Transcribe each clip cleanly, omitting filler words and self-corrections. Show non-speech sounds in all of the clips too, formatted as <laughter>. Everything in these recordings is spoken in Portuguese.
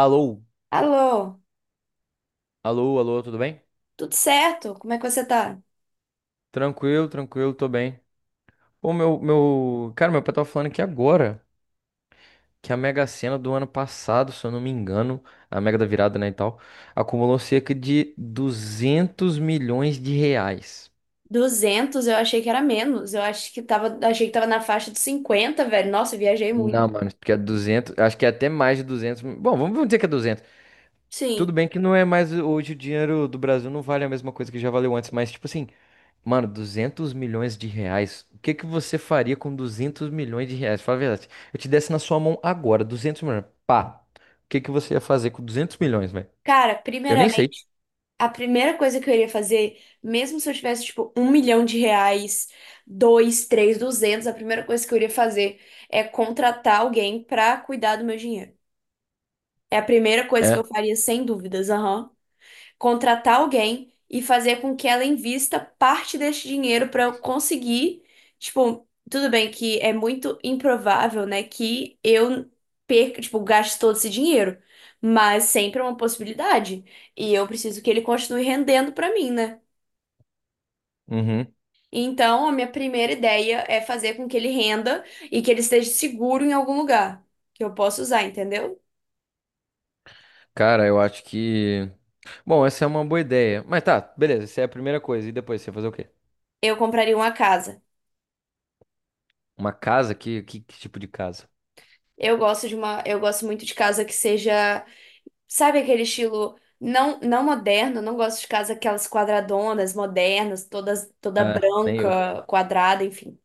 Alô, Alô, alô, alô, tudo bem? tudo certo? Como é que você tá? Tranquilo, tranquilo, tô bem. Ô, meu. Cara, meu pai tava falando aqui agora que a Mega Sena do ano passado, se eu não me engano, a Mega da Virada, né, e tal, acumulou cerca de 200 milhões de reais. 200, eu achei que era menos. Eu acho que tava, achei que tava na faixa de 50, velho. Nossa, eu viajei muito. Não, mano, porque é 200, acho que é até mais de 200. Bom, vamos dizer que é 200. Tudo Sim. bem que não é mais hoje o dinheiro do Brasil não vale a mesma coisa que já valeu antes, mas tipo assim, mano, 200 milhões de reais. O que que você faria com 200 milhões de reais? Fala a verdade. Eu te desse na sua mão agora, 200 milhões. Pá. O que que você ia fazer com 200 milhões, velho? Cara, Eu nem sei. primeiramente, a primeira coisa que eu iria fazer, mesmo se eu tivesse, tipo, 1 milhão de reais, dois, três, 200, a primeira coisa que eu iria fazer é contratar alguém pra cuidar do meu dinheiro. É a primeira coisa que eu É. faria, sem dúvidas. Aham. Contratar alguém e fazer com que ela invista parte desse dinheiro para eu conseguir, tipo, tudo bem que é muito improvável, né, que eu perca, tipo, gaste todo esse dinheiro, mas sempre é uma possibilidade e eu preciso que ele continue rendendo para mim, né? Uhum. Então, a minha primeira ideia é fazer com que ele renda e que ele esteja seguro em algum lugar que eu possa usar, entendeu? Cara, eu acho que. Bom, essa é uma boa ideia. Mas tá, beleza. Essa é a primeira coisa. E depois, você ia fazer o quê? Eu compraria uma casa. Uma casa? Que tipo de casa? Eu gosto muito de casa que seja. Sabe aquele estilo não moderno? Não gosto de casa aquelas quadradonas, modernas, toda Ah, nem eu. branca, quadrada, enfim.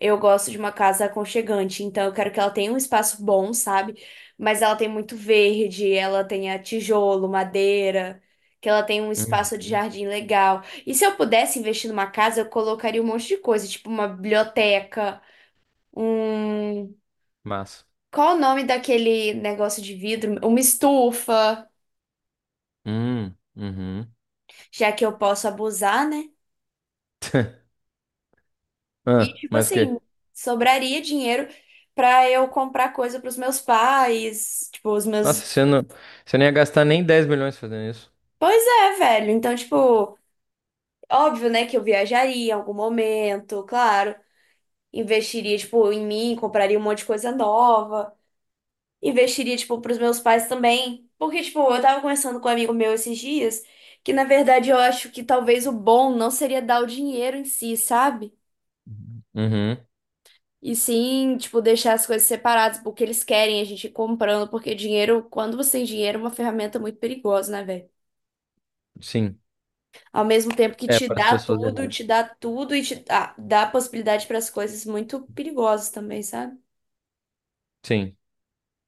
Eu gosto de uma casa aconchegante, então eu quero que ela tenha um espaço bom, sabe? Mas ela tem muito verde, ela tenha tijolo, madeira, que ela tenha um Uhum. espaço de jardim legal. E se eu pudesse investir numa casa, eu colocaria um monte de coisa, tipo uma biblioteca, um. Massa. Qual o nome daquele negócio de vidro? Uma estufa. Uhum. Já que eu posso abusar, né? <laughs> E, Ah, tipo mas o assim, quê? sobraria dinheiro pra eu comprar coisa pros meus pais, tipo, os Nossa, meus. você não ia gastar nem 10 milhões fazendo isso. Pois é, velho. Então, tipo, óbvio, né, que eu viajaria em algum momento, claro. Investiria, tipo, em mim, compraria um monte de coisa nova. Investiria, tipo, pros meus pais também. Porque, tipo, eu tava conversando com um amigo meu esses dias, que na verdade eu acho que talvez o bom não seria dar o dinheiro em si, sabe? Uhum. E sim, tipo, deixar as coisas separadas, porque eles querem a gente ir comprando, porque dinheiro, quando você tem dinheiro, é uma ferramenta muito perigosa, né, velho? Sim. Ao mesmo tempo que É para as pessoas te erradas. dá tudo e te dá possibilidade para as coisas muito perigosas também, sabe? Sim.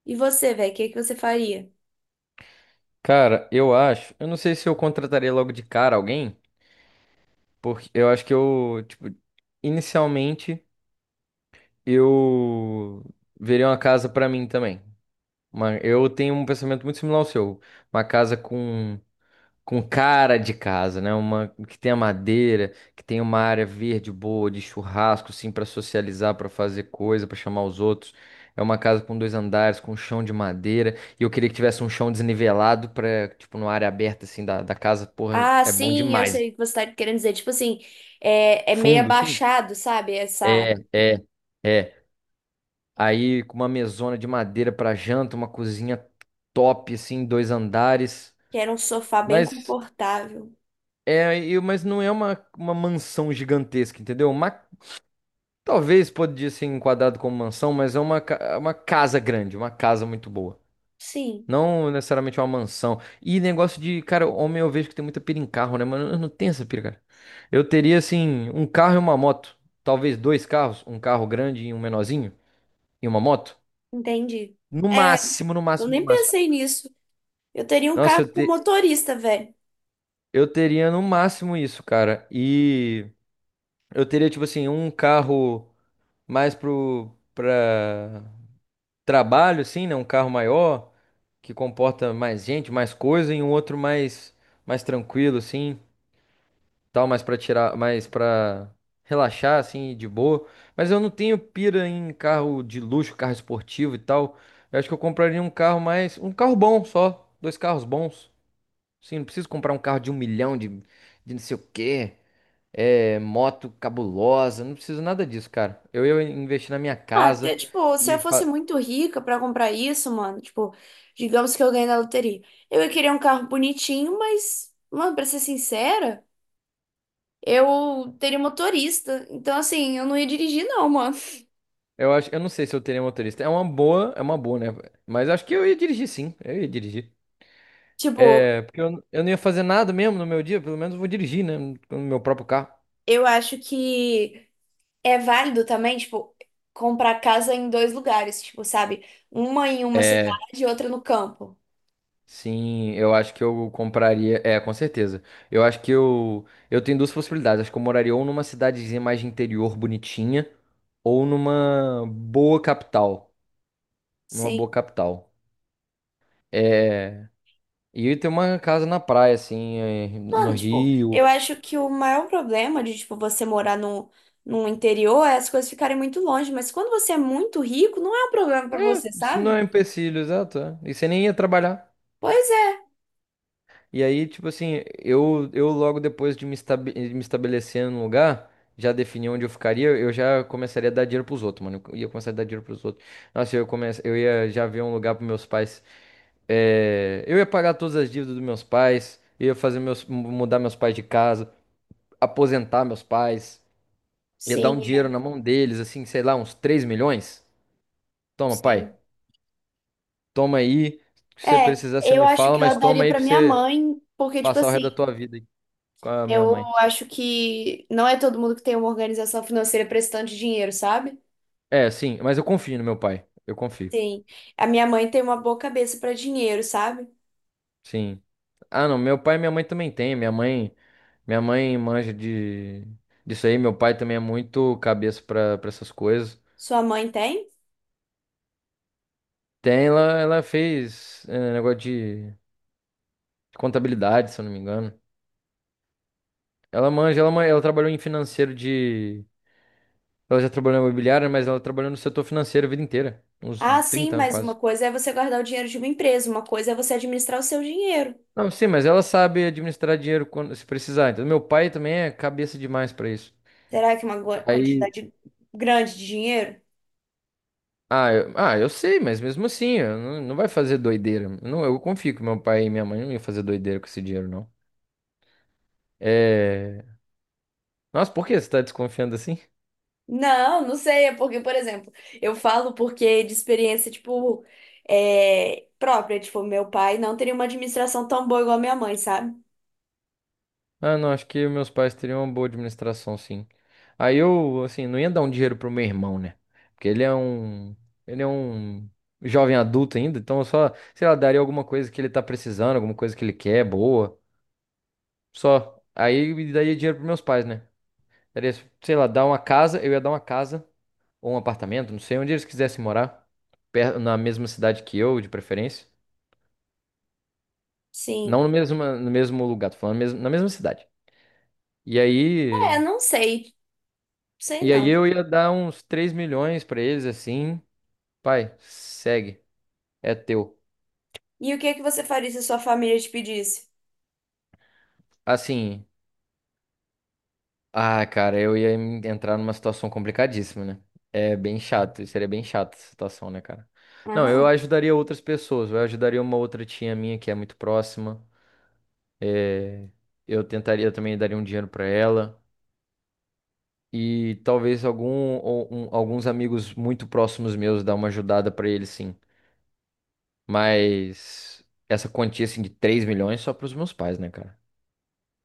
E você, velho, o que que você faria? Cara, eu acho. Eu não sei se eu contrataria logo de cara alguém, porque eu acho que eu, tipo, inicialmente eu veria uma casa pra mim também. Mas eu tenho um pensamento muito similar ao seu. Uma casa com cara de casa, né? Uma que tenha madeira, que tenha uma área verde boa de churrasco, assim, pra socializar, pra fazer coisa, pra chamar os outros. É uma casa com dois andares, com um chão de madeira. E eu queria que tivesse um chão desnivelado pra, tipo, numa área aberta, assim, da casa. Porra, Ah, é bom sim, eu demais. sei o que você tá querendo dizer. Tipo assim, é meio Fundo, sim. abaixado, sabe? Essa É, área. é, é. Aí com uma mesona de madeira pra janta, uma cozinha top, assim, dois andares. Que era um sofá bem Mas confortável. é, mas não é uma mansão gigantesca, entendeu? Uma. Talvez podia ser enquadrado como mansão, mas é uma casa grande, uma casa muito boa. Sim, Não necessariamente uma mansão. E negócio de, cara, homem eu vejo que tem muita pira em carro, né? Mas eu não tenho essa pira, cara. Eu teria, assim, um carro e uma moto. Talvez dois carros, um carro grande e um menorzinho, e uma moto. entendi. No É, máximo, no eu máximo, no nem máximo. pensei nisso. Eu teria um Nossa, carro com motorista, velho. eu teria no máximo isso, cara. E eu teria, tipo assim, um carro mais pra trabalho, assim, né? Um carro maior, que comporta mais gente, mais coisa, e um outro mais tranquilo, assim, tal, mais pra tirar, mais pra relaxar, assim, de boa. Mas eu não tenho pira em carro de luxo, carro esportivo e tal. Eu acho que eu compraria um carro mais, um carro bom só, dois carros bons. Sim, não preciso comprar um carro de um milhão, de não sei o quê, moto cabulosa, não preciso nada disso, cara. Eu ia investir na minha Ah, até, casa. tipo, se eu e fosse fa- muito rica pra comprar isso, mano, tipo, digamos que eu ganhei na loteria. Eu ia querer um carro bonitinho, mas, mano, pra ser sincera, eu teria motorista. Então, assim, eu não ia dirigir, não, mano. Eu acho, eu não sei se eu teria motorista. É uma boa, né? Mas acho que eu ia dirigir sim. Eu ia dirigir. <laughs> Tipo, É, porque eu não ia fazer nada mesmo no meu dia, pelo menos eu vou dirigir, né? No meu próprio carro. eu acho que é válido também, tipo, comprar casa em dois lugares, tipo, sabe? Uma em uma cidade É, e outra no campo. sim, eu acho que eu compraria. É, com certeza. Eu acho que eu. Eu tenho duas possibilidades. Acho que eu moraria ou numa cidadezinha mais de interior, bonitinha, ou numa boa capital. Numa Sim. boa capital. É. E eu ia ter uma casa na praia, assim, no Mano, tipo, Rio. eu acho que o maior problema de, tipo, você morar no interior é as coisas ficarem muito longe, mas quando você é muito rico, não é um problema pra você, Isso não é um sabe? empecilho, exato. É. E você nem ia trabalhar. Pois é. E aí, tipo assim, eu logo depois de me estabelecer num lugar, já defini onde eu ficaria, eu já começaria a dar dinheiro pros outros, mano. Eu ia começar a dar dinheiro pros outros. Nossa, eu ia já ver um lugar pros meus pais. Eu ia pagar todas as dívidas dos meus pais, eu ia fazer mudar meus pais de casa, aposentar meus pais, ia dar Sim, um dinheiro é, na mão deles, assim, sei lá, uns 3 milhões. Toma, pai, sim. toma aí. Se você É, precisar, você eu me acho fala, que eu mas toma daria aí pra pra minha você. mãe, porque, tipo Passar o assim, resto da tua vida com a minha eu mãe. acho que não é todo mundo que tem uma organização financeira prestando dinheiro, sabe? É, sim, mas eu confio no meu pai. Eu confio. Sim. A minha mãe tem uma boa cabeça pra dinheiro, sabe? Sim. Ah, não, meu pai e minha mãe também tem. Minha mãe manja de disso aí. Meu pai também é muito cabeça pra para essas coisas. Sua mãe tem? Tem, ela fez negócio de contabilidade, se eu não me engano. Ela manja, ela trabalhou em financeiro de. Ela já trabalhou na imobiliária, mas ela trabalhou no setor financeiro a vida inteira. Uns Ah, sim, 30 anos mas uma quase. coisa é você guardar o dinheiro de uma empresa, uma coisa é você administrar o seu dinheiro. Não, sim, mas ela sabe administrar dinheiro quando se precisar. Então, meu pai também é cabeça demais pra isso. Será que é uma gua- Aí, quantidade grande de dinheiro? ah, eu sei, mas mesmo assim, eu não vai fazer doideira. Não, eu confio que meu pai e minha mãe não iam fazer doideira com esse dinheiro, não. É... Nossa, por que você tá desconfiando assim? Não, não sei. É porque, por exemplo, eu falo porque de experiência, tipo, é, própria. Tipo, meu pai não teria uma administração tão boa igual a minha mãe, sabe? Ah, não, acho que meus pais teriam uma boa administração, sim. Aí eu, assim, não ia dar um dinheiro pro meu irmão, né? Porque ele é um jovem adulto ainda, então eu só, sei lá, daria alguma coisa que ele tá precisando, alguma coisa que ele quer, boa. Só. Aí me daria dinheiro pros meus pais, né? Daria, sei lá, dar uma casa, eu ia dar uma casa ou um apartamento, não sei, onde eles quisessem morar, na mesma cidade que eu, de preferência. Não Sim. no mesmo, no mesmo lugar, tô falando mesmo, na mesma cidade. E aí, É, não sei. Sei e aí, não. eu ia dar uns 3 milhões pra eles assim, pai, segue, é teu. E o que é que você faria se a sua família te pedisse? Assim, ah, cara, eu ia entrar numa situação complicadíssima, né? É bem chato, seria bem chata essa situação, né, cara? Não, eu Aham. ajudaria outras pessoas, eu ajudaria uma outra tia minha que é muito próxima. é, eu tentaria também daria um dinheiro pra ela e talvez alguns amigos muito próximos meus dar uma ajudada pra eles, sim. Mas essa quantia assim de 3 milhões só pros meus pais, né, cara?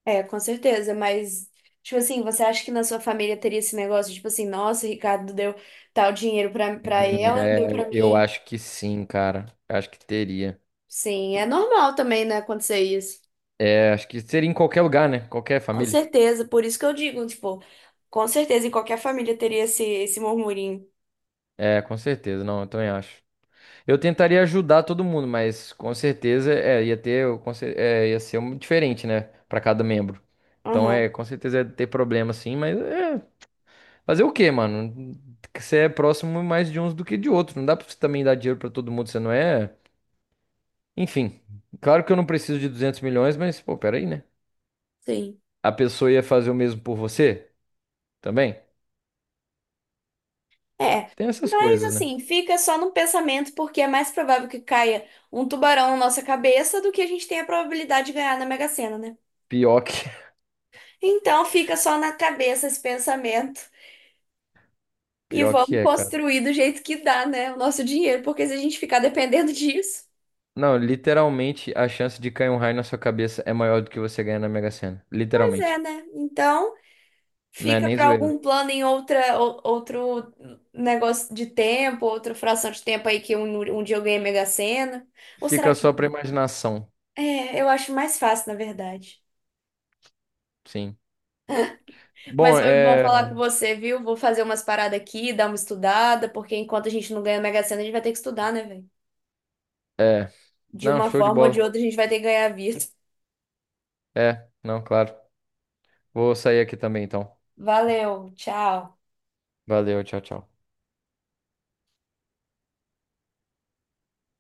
É, com certeza, mas, tipo assim, você acha que na sua família teria esse negócio, tipo assim, nossa, o Ricardo deu tal dinheiro pra ela, não deu É, pra eu mim? acho que sim, cara. Eu acho que teria. Sim, é normal também, né, acontecer isso. É, acho que seria em qualquer lugar, né? Qualquer Com família. certeza, por isso que eu digo, tipo, com certeza em qualquer família teria esse murmurinho. É, com certeza. Não, eu também acho. Eu tentaria ajudar todo mundo, mas com certeza ia ter, ia ser um diferente, né? Pra cada membro. Então é, Aham, com certeza ia ter problema sim, mas fazer o quê, mano? Você é próximo mais de uns do que de outros. Não dá pra você também dar dinheiro pra todo mundo, você não é? Enfim, claro que eu não preciso de 200 milhões, mas pô, peraí, né? sim. A pessoa ia fazer o mesmo por você também? É. Tem essas Mas coisas, né? assim, fica só no pensamento, porque é mais provável que caia um tubarão na nossa cabeça do que a gente tenha a probabilidade de ganhar na Mega Sena, né? Pior que, <laughs> Então fica só na cabeça esse pensamento e pior vamos que é, cara. construir do jeito que dá, né? O nosso dinheiro, porque se a gente ficar dependendo <laughs> disso, Não, literalmente a chance de cair um raio na sua cabeça é maior do que você ganhar na Mega Sena. pois Literalmente. é, né? Então. Não é Fica nem para zoeira. algum plano em outra, outro negócio de tempo, outra fração de tempo aí que um dia eu ganhei Mega Sena. Ou Fica será que. só pra imaginação. É, eu acho mais fácil, na verdade. Sim. Mas Bom, foi bom é. falar com você, viu? Vou fazer umas paradas aqui, dar uma estudada, porque enquanto a gente não ganha Mega Sena, a gente vai ter que estudar, né, velho? É. De Não, uma show de forma ou de bola. outra, a gente vai ter que ganhar a vida. É, não, claro. Vou sair aqui também então. Valeu, tchau. Valeu, tchau, tchau.